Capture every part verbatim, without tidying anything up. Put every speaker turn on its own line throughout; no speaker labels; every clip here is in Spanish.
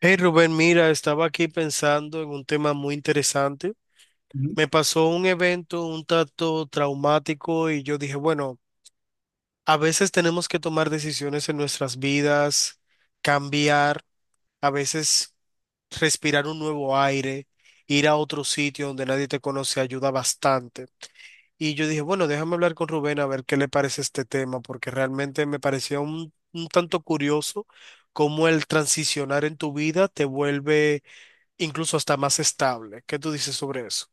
Hey Rubén, mira, estaba aquí pensando en un tema muy interesante.
Ujú.
Me pasó un evento un tanto traumático y yo dije, bueno, a veces tenemos que tomar decisiones en nuestras vidas, cambiar, a veces respirar un nuevo aire, ir a otro sitio donde nadie te conoce ayuda bastante. Y yo dije, bueno, déjame hablar con Rubén a ver qué le parece este tema, porque realmente me parecía un, un tanto curioso cómo el transicionar en tu vida te vuelve incluso hasta más estable. ¿Qué tú dices sobre eso?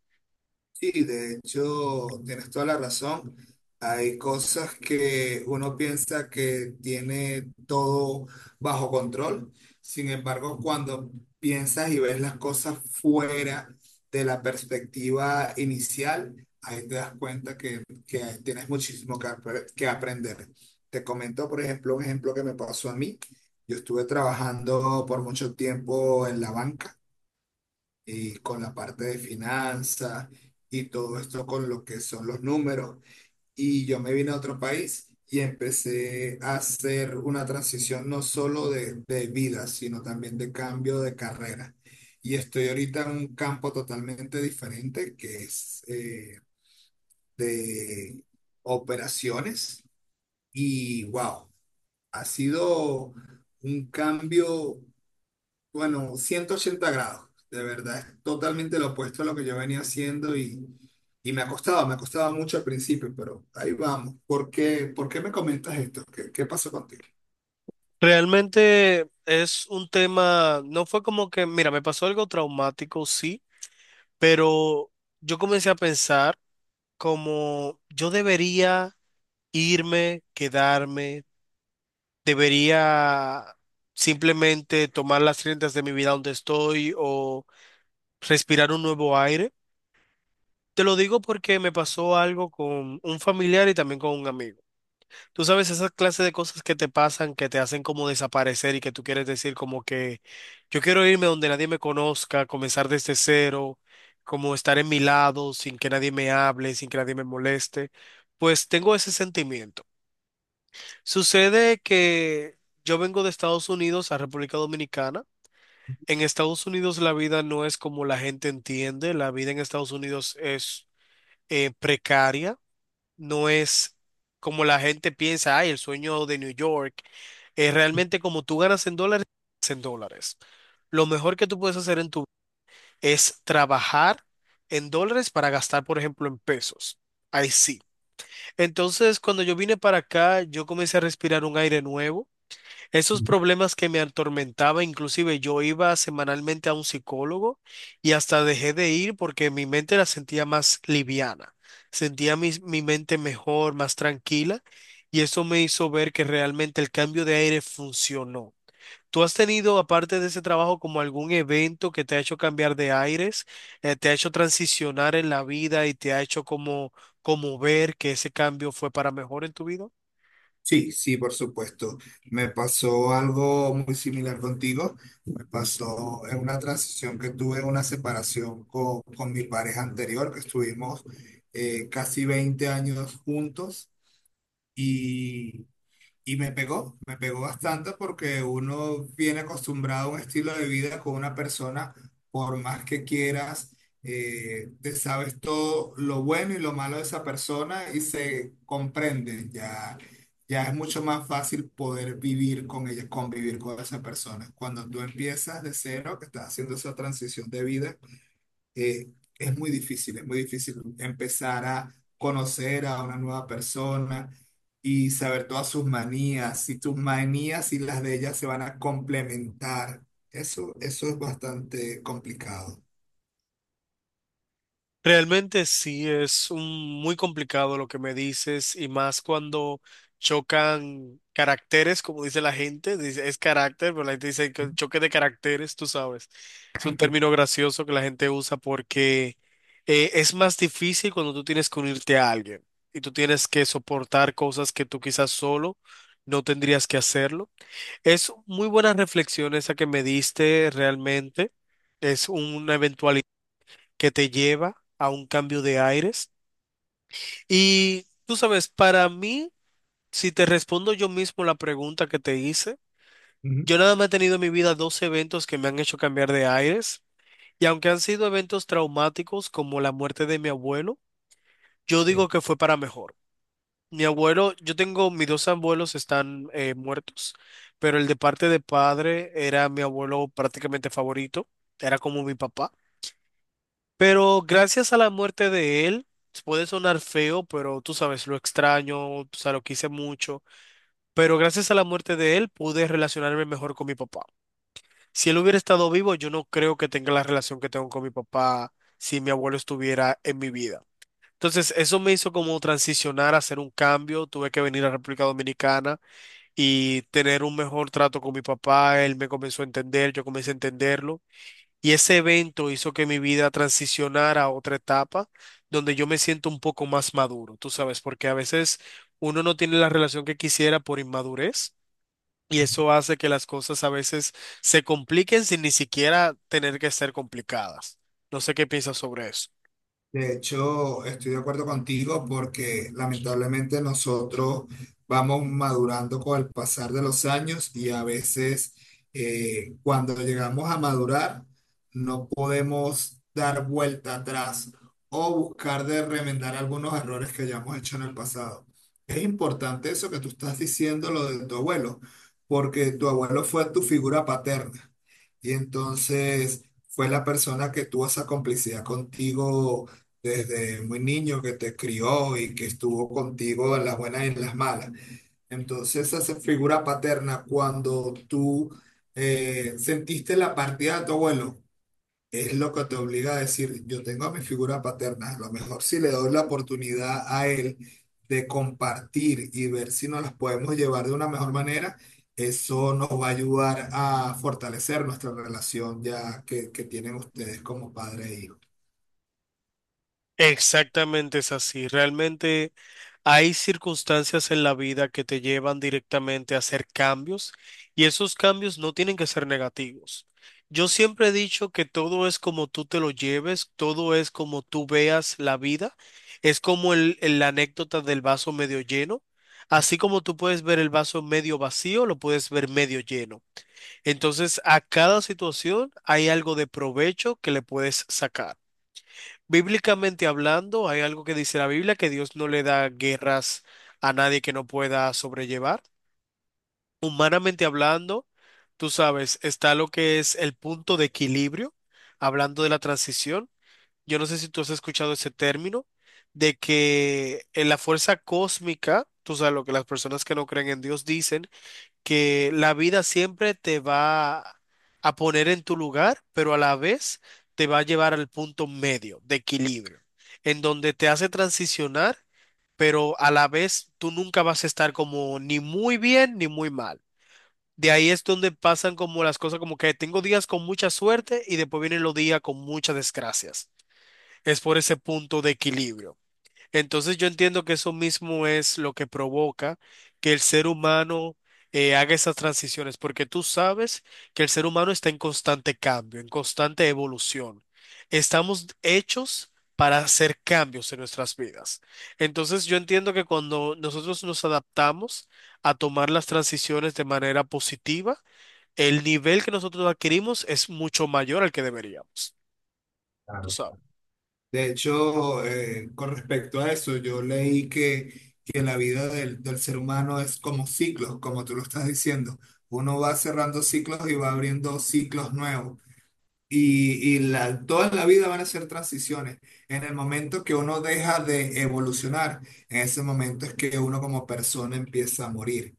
Sí, de hecho, tienes toda la razón. Hay cosas que uno piensa que tiene todo bajo control. Sin embargo, cuando piensas y ves las cosas fuera de la perspectiva inicial, ahí te das cuenta que, que tienes muchísimo que, apre- que aprender. Te comento, por ejemplo, un ejemplo que me pasó a mí. Yo estuve trabajando por mucho tiempo en la banca. y con la parte de finanzas y todo esto con lo que son los números. Y yo me vine a otro país y empecé a hacer una transición no solo de, de vida, sino también de cambio de carrera. Y estoy ahorita en un campo totalmente diferente que es eh, de operaciones y wow, ha sido un cambio bueno, ciento ochenta grados, de verdad, es totalmente lo opuesto a lo que yo venía haciendo y, y me ha costado, me ha costado mucho al principio, pero ahí vamos. ¿Por qué, por qué me comentas esto? ¿Qué, qué pasó contigo?
Realmente es un tema, no fue como que, mira, me pasó algo traumático, sí, pero yo comencé a pensar como yo debería irme, quedarme, debería simplemente tomar las riendas de mi vida donde estoy o respirar un nuevo aire. Te lo digo porque me pasó algo con un familiar y también con un amigo. Tú sabes, esa clase de cosas que te pasan, que te hacen como desaparecer y que tú quieres decir como que yo quiero irme donde nadie me conozca, comenzar desde cero, como estar en mi lado sin que nadie me hable, sin que nadie me moleste, pues tengo ese sentimiento. Sucede que yo vengo de Estados Unidos a República Dominicana. En Estados Unidos la vida no es como la gente entiende, la vida en Estados Unidos es eh, precaria, no es como la gente piensa, ay, el sueño de New York. Es realmente como tú ganas en dólares, en dólares. Lo mejor que tú puedes hacer en tu vida es trabajar en dólares para gastar, por ejemplo, en pesos. Ahí sí. Entonces, cuando yo vine para acá, yo comencé a respirar un aire nuevo. Esos problemas que me atormentaba, inclusive yo iba semanalmente a un psicólogo y hasta dejé de ir porque mi mente la sentía más liviana, sentía mi, mi mente mejor, más tranquila y eso me hizo ver que realmente el cambio de aire funcionó. ¿Tú has tenido, aparte de ese trabajo, como algún evento que te ha hecho cambiar de aires, eh, te ha hecho transicionar en la vida y te ha hecho como, como ver que ese cambio fue para mejor en tu vida?
Sí, sí, por supuesto. Me pasó algo muy similar contigo. Me pasó en una transición que tuve, una separación con, con mi pareja anterior, que estuvimos eh, casi veinte años juntos. Y me pegó, me pegó bastante porque uno viene acostumbrado a un estilo de vida con una persona, por más que quieras, eh, te sabes todo lo bueno y lo malo de esa persona y se comprende. Ya, ya es mucho más fácil poder vivir con ella, convivir con esa persona. Cuando tú empiezas de cero, que estás haciendo esa transición de vida eh, es muy difícil, es muy difícil empezar a conocer a una nueva persona y saber todas sus manías, si tus manías y las de ella se van a complementar. Eso, eso es bastante complicado.
Realmente sí es un- muy complicado lo que me dices y más cuando chocan caracteres, como dice la gente, dice, es carácter, pero la gente dice que choque de caracteres, tú sabes. Es un término gracioso que la gente usa porque eh, es más difícil cuando tú tienes que unirte a alguien y tú tienes que soportar cosas que tú quizás solo no tendrías que hacerlo. Es muy buenas reflexiones esa que me diste realmente. Es una eventualidad que te lleva a un cambio de aires. Y tú sabes, para mí, si te respondo yo mismo la pregunta que te hice,
Ujú.
yo nada más he tenido en mi vida dos eventos que me han hecho cambiar de aires. Y aunque han sido eventos traumáticos como la muerte de mi abuelo, yo digo que fue para mejor. Mi abuelo, yo tengo, mis dos abuelos están eh, muertos, pero el de parte de padre era mi abuelo prácticamente favorito, era como mi papá. Pero gracias a la muerte de él, puede sonar feo, pero tú sabes, lo extraño, o sea, lo quise mucho, pero gracias a la muerte de él pude relacionarme mejor con mi papá. Si él hubiera estado vivo, yo no creo que tenga la relación que tengo con mi papá si mi abuelo estuviera en mi vida. Entonces, eso me hizo como transicionar, hacer un cambio, tuve que venir a República Dominicana y tener un mejor trato con mi papá. Él me comenzó a entender, yo comencé a entenderlo. Y ese evento hizo que mi vida transicionara a otra etapa donde yo me siento un poco más maduro, tú sabes, porque a veces uno no tiene la relación que quisiera por inmadurez. Y eso hace que las cosas a veces se compliquen sin ni siquiera tener que ser complicadas. No sé qué piensas sobre eso.
De hecho, estoy de acuerdo contigo porque lamentablemente nosotros vamos madurando con el pasar de los años y a veces eh, cuando llegamos a madurar no podemos dar vuelta atrás o buscar de remendar algunos errores que hayamos hecho en el pasado. Es importante eso que tú estás diciendo, lo de tu abuelo, porque tu abuelo fue tu figura paterna y entonces fue la persona que tuvo esa complicidad contigo desde muy niño que te crió y que estuvo contigo en las buenas y en las malas. Entonces, esa figura paterna, cuando tú eh, sentiste la partida de tu abuelo, es lo que te obliga a decir, yo tengo a mi figura paterna, a lo mejor si le doy la oportunidad a él de compartir y ver si nos las podemos llevar de una mejor manera. Eso nos va a ayudar a fortalecer nuestra relación ya que, que tienen ustedes como padre e hijo.
Exactamente es así. Realmente, hay circunstancias en la vida que te llevan directamente a hacer cambios y esos cambios no tienen que ser negativos. Yo siempre he dicho que todo es como tú te lo lleves, todo es como tú veas la vida. Es como el, el- la anécdota del vaso medio lleno. Así como tú puedes ver el vaso medio vacío, lo puedes ver medio lleno. Entonces, a cada situación hay algo de provecho que le puedes sacar. Bíblicamente hablando, hay algo que dice la Biblia, que Dios no le da guerras a nadie que no pueda sobrellevar. Humanamente hablando, tú sabes, está lo que es el punto de equilibrio, hablando de la transición. Yo no sé si tú has escuchado ese término, de que en la fuerza cósmica, tú sabes lo que las personas que no creen en Dios dicen, que la vida siempre te va a poner en tu lugar, pero a la vez te va a llevar al punto medio de equilibrio, en donde te hace transicionar, pero a la vez tú nunca vas a estar como ni muy bien ni muy mal. De ahí es donde pasan como las cosas, como que tengo días con mucha suerte y después vienen los días con muchas desgracias. Es por ese punto de equilibrio. Entonces yo entiendo que eso mismo es lo que provoca que el ser humano eh, haga esas transiciones, porque tú sabes que el ser humano está en constante cambio, en constante evolución. Estamos hechos para hacer cambios en nuestras vidas. Entonces yo entiendo que cuando nosotros nos adaptamos a tomar las transiciones de manera positiva, el nivel que nosotros adquirimos es mucho mayor al que deberíamos. Tú sabes.
De hecho, eh, con respecto a eso, yo leí que, que la vida del, del ser humano es como ciclos, como tú lo estás diciendo. Uno va cerrando ciclos y va abriendo ciclos nuevos. Y, y la, toda la vida van a ser transiciones. En el momento que uno deja de evolucionar, en ese momento es que uno como persona empieza a morir.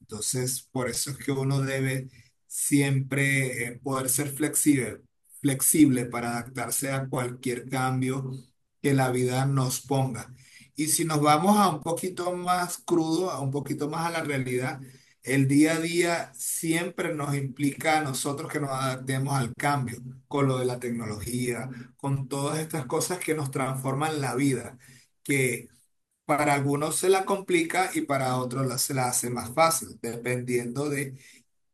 Entonces, por eso es que uno debe siempre eh, poder ser flexible, flexible, para adaptarse a cualquier cambio que la vida nos ponga. Y si nos vamos a un poquito más crudo, a un poquito más a la realidad, el día a día siempre nos implica a nosotros que nos adaptemos al cambio, con lo de la tecnología, con todas estas cosas que nos transforman la vida. Que para algunos se la complica y para otros la- se la hace más fácil, dependiendo de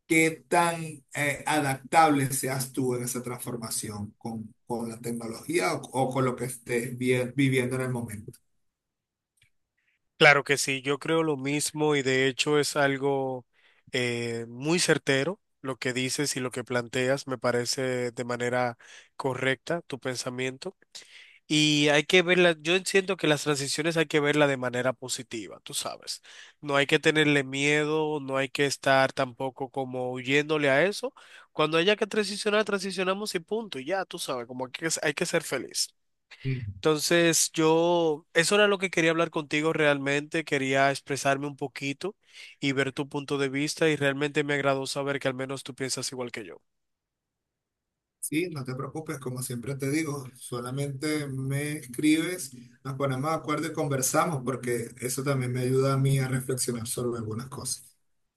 qué tan eh, adaptable seas tú en esa transformación con, con la tecnología o, o con lo que estés vi- viviendo en el momento.
Claro que sí, yo creo lo mismo y de hecho es algo eh, muy certero lo que dices y lo que planteas, me parece de manera correcta tu pensamiento. Y hay que verla, yo siento que las transiciones hay que verla de manera positiva, tú sabes. No hay que tenerle miedo, no hay que estar tampoco como huyéndole a eso. Cuando haya que transicionar, transicionamos y punto, y ya, tú sabes, como que es- hay que ser feliz.
Mm.
Entonces, yo, eso era lo que quería hablar contigo realmente, quería expresarme un poquito y ver tu punto de vista y realmente me agradó saber que al menos tú piensas igual que yo.
Sí, no te preocupes, como siempre te digo, solamente me escribes, nos ponemos de acuerdo y conversamos, porque eso también me ayuda a mí a reflexionar sobre algunas cosas.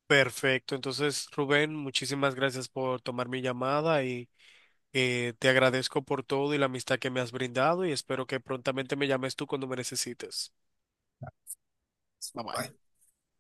Perfecto, entonces Rubén, muchísimas gracias por tomar mi llamada y eh, te agradezco por todo y la amistad que me has brindado y espero que prontamente me llames tú cuando me necesites. Bye bye.
Bye.